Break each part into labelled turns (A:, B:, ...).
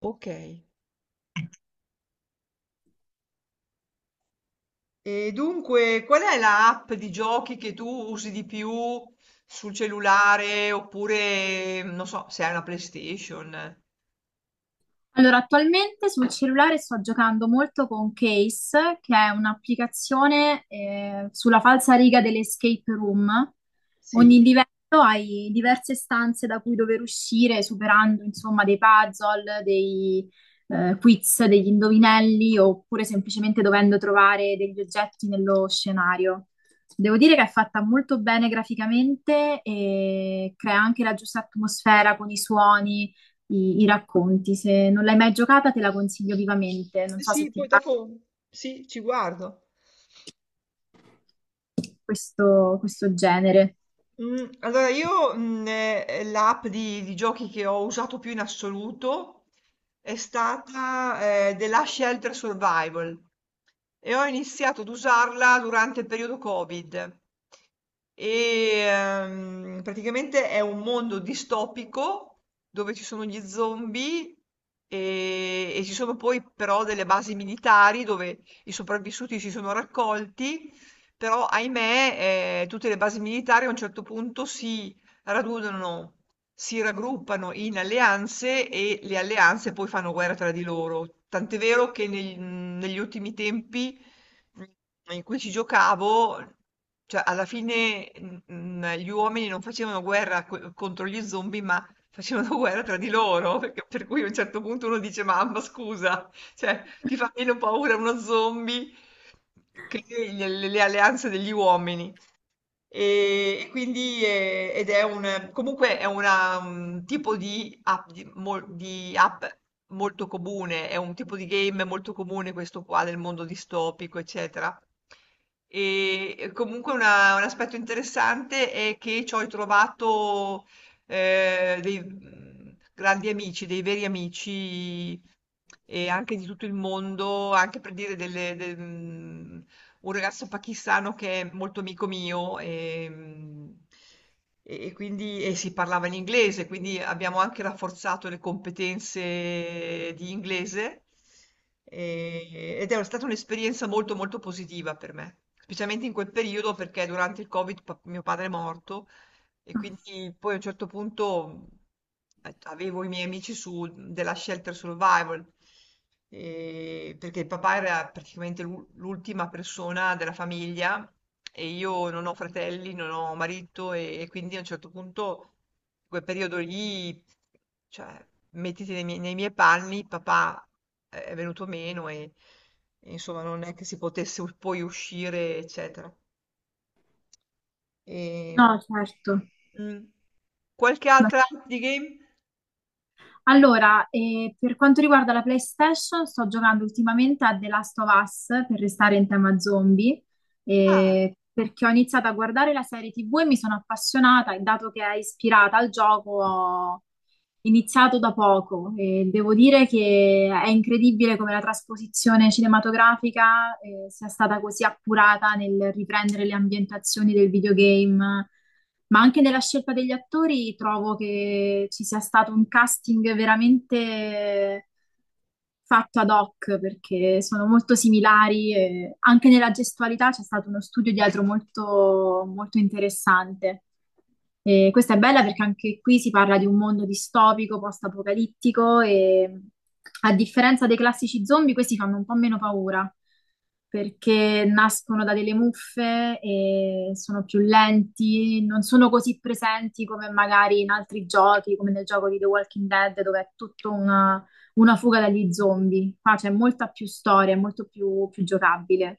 A: Ok. E dunque, qual è la app di giochi che tu usi di più sul cellulare oppure, non so, se hai una PlayStation?
B: Allora, attualmente sul cellulare sto giocando molto con Case, che è un'applicazione sulla falsariga delle escape room. Ogni
A: Sì.
B: livello hai diverse stanze da cui dover uscire, superando insomma dei puzzle, dei quiz, degli indovinelli, oppure semplicemente dovendo trovare degli oggetti nello scenario. Devo dire che è fatta molto bene graficamente e crea anche la giusta atmosfera con i suoni i racconti. Se non l'hai mai giocata, te la consiglio vivamente. Non
A: Eh
B: so se
A: Sì,
B: ti
A: poi
B: piace
A: dopo sì, ci guardo.
B: questo genere.
A: Allora, io l'app di giochi che ho usato più in assoluto è stata The Last Shelter Survival, e ho iniziato ad usarla durante il periodo Covid. E praticamente è un mondo distopico dove ci sono gli zombie e ci sono poi però delle basi militari dove i sopravvissuti si sono raccolti, però ahimè, tutte le basi militari a un certo punto si radunano, si raggruppano in alleanze e le alleanze poi fanno guerra tra di loro. Tant'è vero che negli ultimi tempi, mh, in cui ci giocavo, cioè alla fine, gli uomini non facevano guerra contro gli zombie, ma facevano guerra tra di loro, per cui a un certo punto uno dice, mamma, scusa. Cioè, ti fa meno paura uno zombie che le alleanze degli uomini. E quindi, ed è un comunque è un tipo di app, di app molto comune, è un tipo di game molto comune questo qua, del mondo distopico, eccetera. E comunque un aspetto interessante è che ci ho trovato dei grandi amici, dei veri amici, e anche di tutto il mondo. Anche per dire, un ragazzo pakistano che è molto amico mio, e quindi si parlava in inglese, quindi abbiamo anche rafforzato le competenze di inglese, ed è stata un'esperienza molto molto positiva per me, specialmente in quel periodo, perché durante il Covid mio padre è morto, e quindi poi a un certo punto avevo i miei amici su della Shelter Survival, perché il papà era praticamente l'ultima persona della famiglia, e io non ho fratelli, non ho marito, e quindi a un certo punto, in quel periodo lì, cioè, mettiti nei miei panni, papà è venuto meno e, insomma non è che si potesse poi uscire, eccetera. E
B: No, certo.
A: Mh. Qualche
B: No.
A: altra app di game?
B: Allora, per quanto riguarda la PlayStation, sto giocando ultimamente a The Last of Us per restare in tema zombie,
A: Ah,
B: perché ho iniziato a guardare la serie TV e mi sono appassionata e dato che è ispirata al gioco iniziato da poco. E devo dire che è incredibile come la trasposizione cinematografica, sia stata così appurata nel riprendere le ambientazioni del videogame, ma anche nella scelta degli attori trovo che ci sia stato un casting veramente fatto ad hoc, perché sono molto similari, e anche nella gestualità c'è stato uno studio dietro molto, molto interessante. E questa è bella perché
A: sì.
B: anche qui si parla di un mondo distopico, post-apocalittico, e a differenza dei classici zombie, questi fanno un po' meno paura perché nascono da delle muffe e sono più lenti, non sono così presenti come magari in altri giochi, come nel gioco di The Walking Dead, dove è tutto una fuga dagli zombie. Qua c'è molta più storia, è molto più, più giocabile.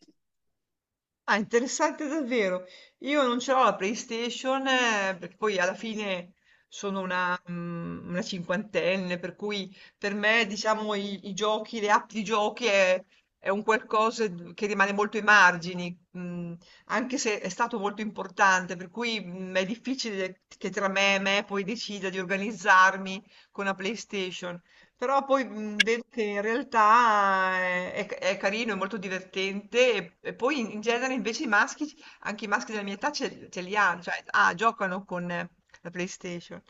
A: Ah, interessante davvero. Io non ce l'ho la PlayStation, perché poi alla fine sono una cinquantenne, per cui per me, diciamo, i giochi, le app di giochi è un qualcosa d che rimane molto ai margini, anche se è stato molto importante, per cui, è difficile che tra me e me poi decida di organizzarmi con la PlayStation. Però poi, vedo che in realtà, è carino, è molto divertente, e poi in genere invece i maschi, anche i maschi della mia età ce li hanno, cioè, ah, giocano con la PlayStation.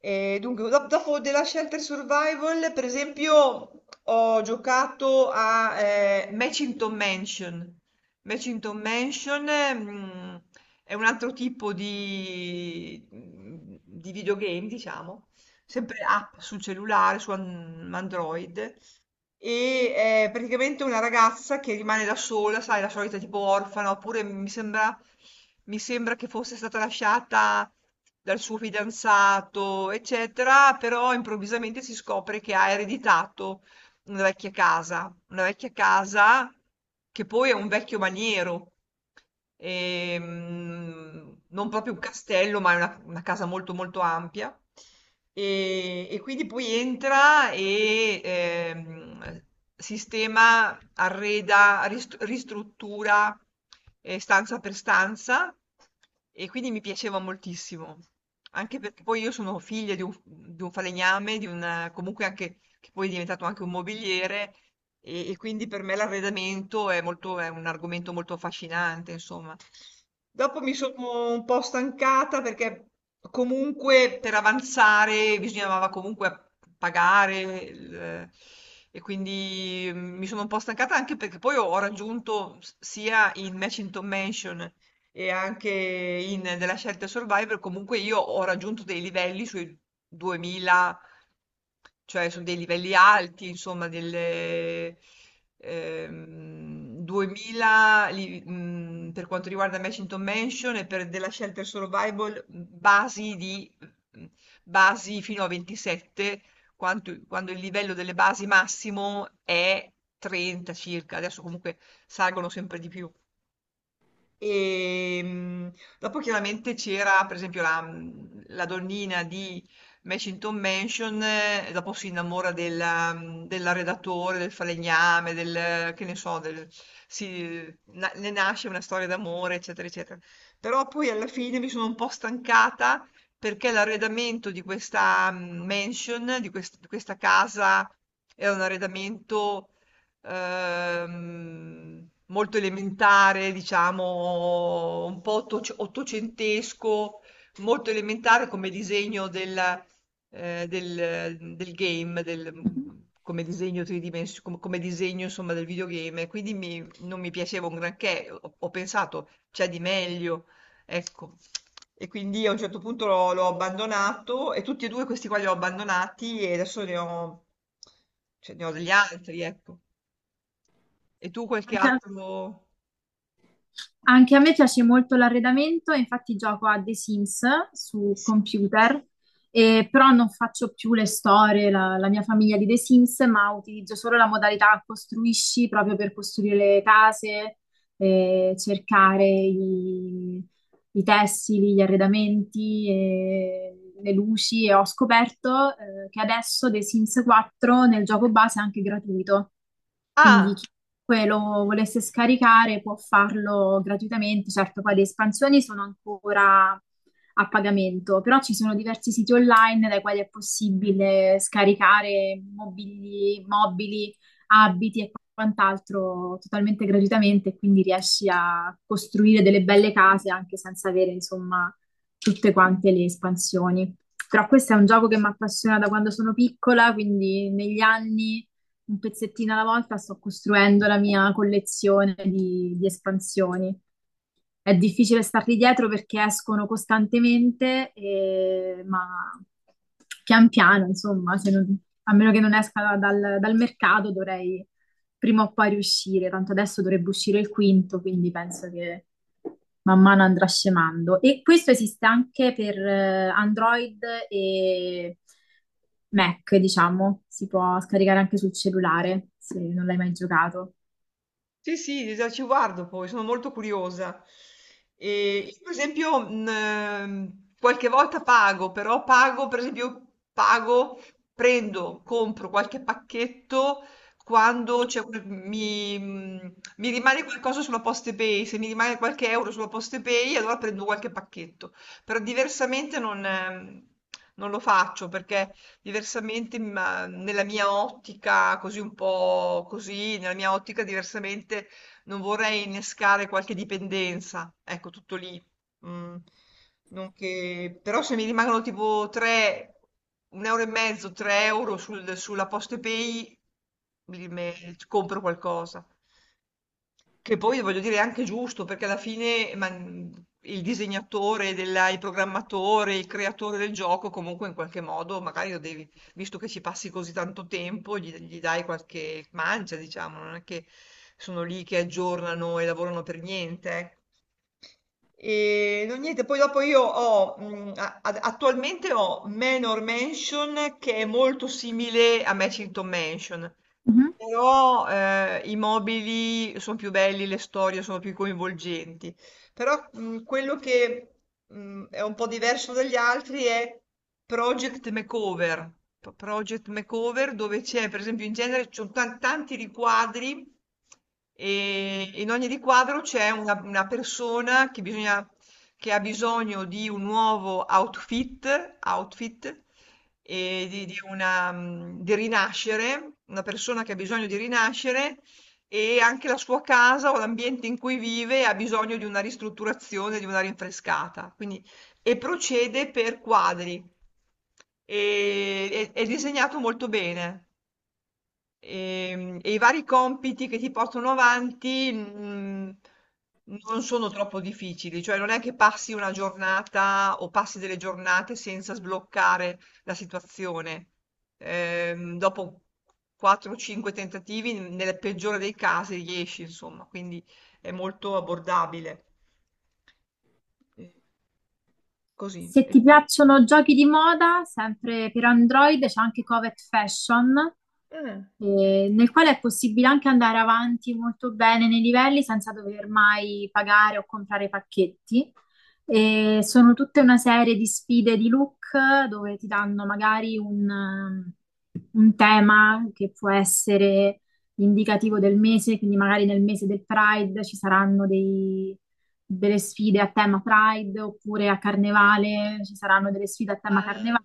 A: E dunque, dopo della Shelter Survival, per esempio, ho giocato a Matchington Mansion. Matchington Mansion, mm, è un altro tipo di videogame, diciamo, sempre app sul cellulare, su Android. E è praticamente una ragazza che rimane da sola, sai, la solita tipo orfana, oppure mi sembra che fosse stata lasciata dal suo fidanzato, eccetera, però improvvisamente si scopre che ha ereditato una vecchia casa che poi è un vecchio maniero, non proprio un castello, ma è una casa molto molto ampia. E quindi poi entra e, sistema, arreda, ristruttura, stanza per stanza, e quindi mi piaceva moltissimo. Anche perché poi io sono figlia di un, falegname, comunque anche che poi è diventato anche un mobiliere, e quindi per me l'arredamento, è un argomento molto affascinante, insomma. Dopo mi sono un po' stancata perché comunque per avanzare bisognava comunque pagare e quindi, mi sono un po' stancata, anche perché poi ho raggiunto sia in Matchington Mansion e anche in della scelta Survivor. Comunque io ho raggiunto dei livelli sui cioè, sono dei livelli alti, insomma, delle, 2000 per quanto riguarda Mansion Mansion, e per della Shelter Survival, basi di, mh, basi fino a 27, quando il livello delle basi massimo è 30 circa. Adesso comunque salgono sempre di più. E, dopo chiaramente c'era, per esempio, la donnina di Mashington Mansion, e dopo si innamora dell'arredatore, del falegname, del, che ne so, ne nasce una storia d'amore, eccetera, eccetera. Però poi alla fine mi sono un po' stancata perché l'arredamento di questa, mansion, di questa casa, era un arredamento, molto elementare, diciamo, un po' ottocentesco, molto elementare come disegno del game, come disegno tridimensionale, come disegno insomma del videogame, e quindi non mi piaceva un granché, ho pensato c'è di meglio, ecco. E quindi a un certo punto l'ho abbandonato, e tutti e due questi qua li ho abbandonati, e adesso ne ho, cioè, ne ho degli altri, ecco. E tu qualche
B: Anche a,
A: altro?
B: anche a me piace molto l'arredamento, infatti gioco a The Sims su
A: Sì.
B: computer, però non faccio più le storie, la mia famiglia di The Sims, ma utilizzo solo la modalità costruisci proprio per costruire le case, cercare i, i tessili, gli arredamenti, e le luci. E ho scoperto che adesso The Sims 4 nel gioco base è anche gratuito, quindi
A: Ah!
B: chiunque lo volesse scaricare può farlo gratuitamente. Certo poi le espansioni sono ancora a pagamento, però ci sono diversi siti online dai quali è possibile scaricare mobili, mobili, abiti e quant'altro totalmente gratuitamente, e quindi riesci a costruire delle belle case anche senza avere, insomma, tutte quante le espansioni. Però questo è un gioco che mi appassiona da quando sono piccola, quindi negli anni un pezzettino alla volta sto costruendo la mia collezione di espansioni. È difficile starli dietro perché escono costantemente, ma pian piano, insomma, se non- a meno che non esca dal, dal mercato, dovrei prima o poi riuscire, tanto adesso dovrebbe uscire il quinto, quindi penso che man mano andrà scemando. E questo esiste anche per Android e Mac, diciamo, si può scaricare anche sul cellulare se non l'hai mai giocato.
A: Sì, sì, già ci guardo poi, sono molto curiosa. Io per esempio, qualche volta pago, però pago, per esempio pago, prendo, compro qualche pacchetto quando c'è, mi rimane qualcosa sulla PostePay. Se mi rimane qualche euro sulla PostePay allora prendo qualche pacchetto, però diversamente non lo faccio, perché diversamente, ma nella mia ottica, così un po' così, nella mia ottica diversamente non vorrei innescare qualche dipendenza, ecco, tutto lì. Mm, non che- Però se mi rimangono tipo 3, un euro e mezzo, 3 euro sulla Postepay, mi- me- compro qualcosa. Che poi voglio dire è anche giusto, perché alla fine, il disegnatore, il programmatore, il creatore del gioco, comunque in qualche modo magari lo devi, visto che ci passi così tanto tempo, gli dai qualche mancia, diciamo, non è che sono lì che aggiornano e lavorano per niente. Ecco. E no, niente, poi dopo io ho, a- a- attualmente ho Manor Mansion, che è molto simile a Matchington Mansion.
B: Mhm.
A: Però, i mobili sono più belli, le storie sono più coinvolgenti. Però, quello che, è un po' diverso dagli altri è Project Makeover. Project Makeover, dove c'è, per esempio, in genere ci sono tanti riquadri e in ogni riquadro c'è una persona che ha bisogno di un nuovo outfit, e di rinascere, una persona che ha bisogno di rinascere e anche la sua casa o l'ambiente in cui vive ha bisogno di una ristrutturazione, di una rinfrescata. Quindi, e procede per quadri. E è disegnato molto bene. E i vari compiti che ti portano avanti, non sono troppo difficili, cioè non è che passi una giornata o passi delle giornate senza sbloccare la situazione. Dopo 4-5 tentativi, nel peggiore dei casi riesci, insomma, quindi è molto abbordabile. Eh, Così.
B: Se
A: E
B: ti
A: tu?
B: piacciono giochi di moda, sempre per Android c'è anche Covet Fashion,
A: Eh.
B: nel quale è possibile anche andare avanti molto bene nei livelli senza dover mai pagare o comprare pacchetti. E sono tutta una serie di sfide di look, dove ti danno magari un tema che può essere indicativo del mese. Quindi magari nel mese del Pride ci saranno dei delle sfide a tema Pride, oppure a Carnevale, ci saranno delle sfide a tema
A: Ah,
B: Carnevale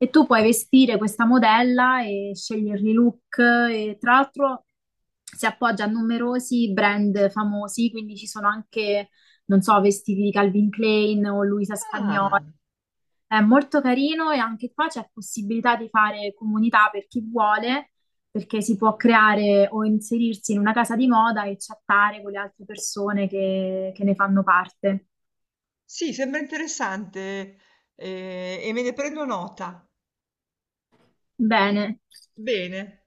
B: e tu puoi vestire questa modella e scegliergli i look. E tra l'altro si appoggia a numerosi brand famosi, quindi ci sono anche, non so, vestiti di Calvin Klein o Luisa Spagnola.
A: ah,
B: È molto carino, e anche qua c'è possibilità di fare comunità per chi vuole, perché si può creare o inserirsi in una casa di moda e chattare con le altre persone che ne fanno parte.
A: sì, sembra interessante, e me ne prendo nota.
B: Bene.
A: Bene.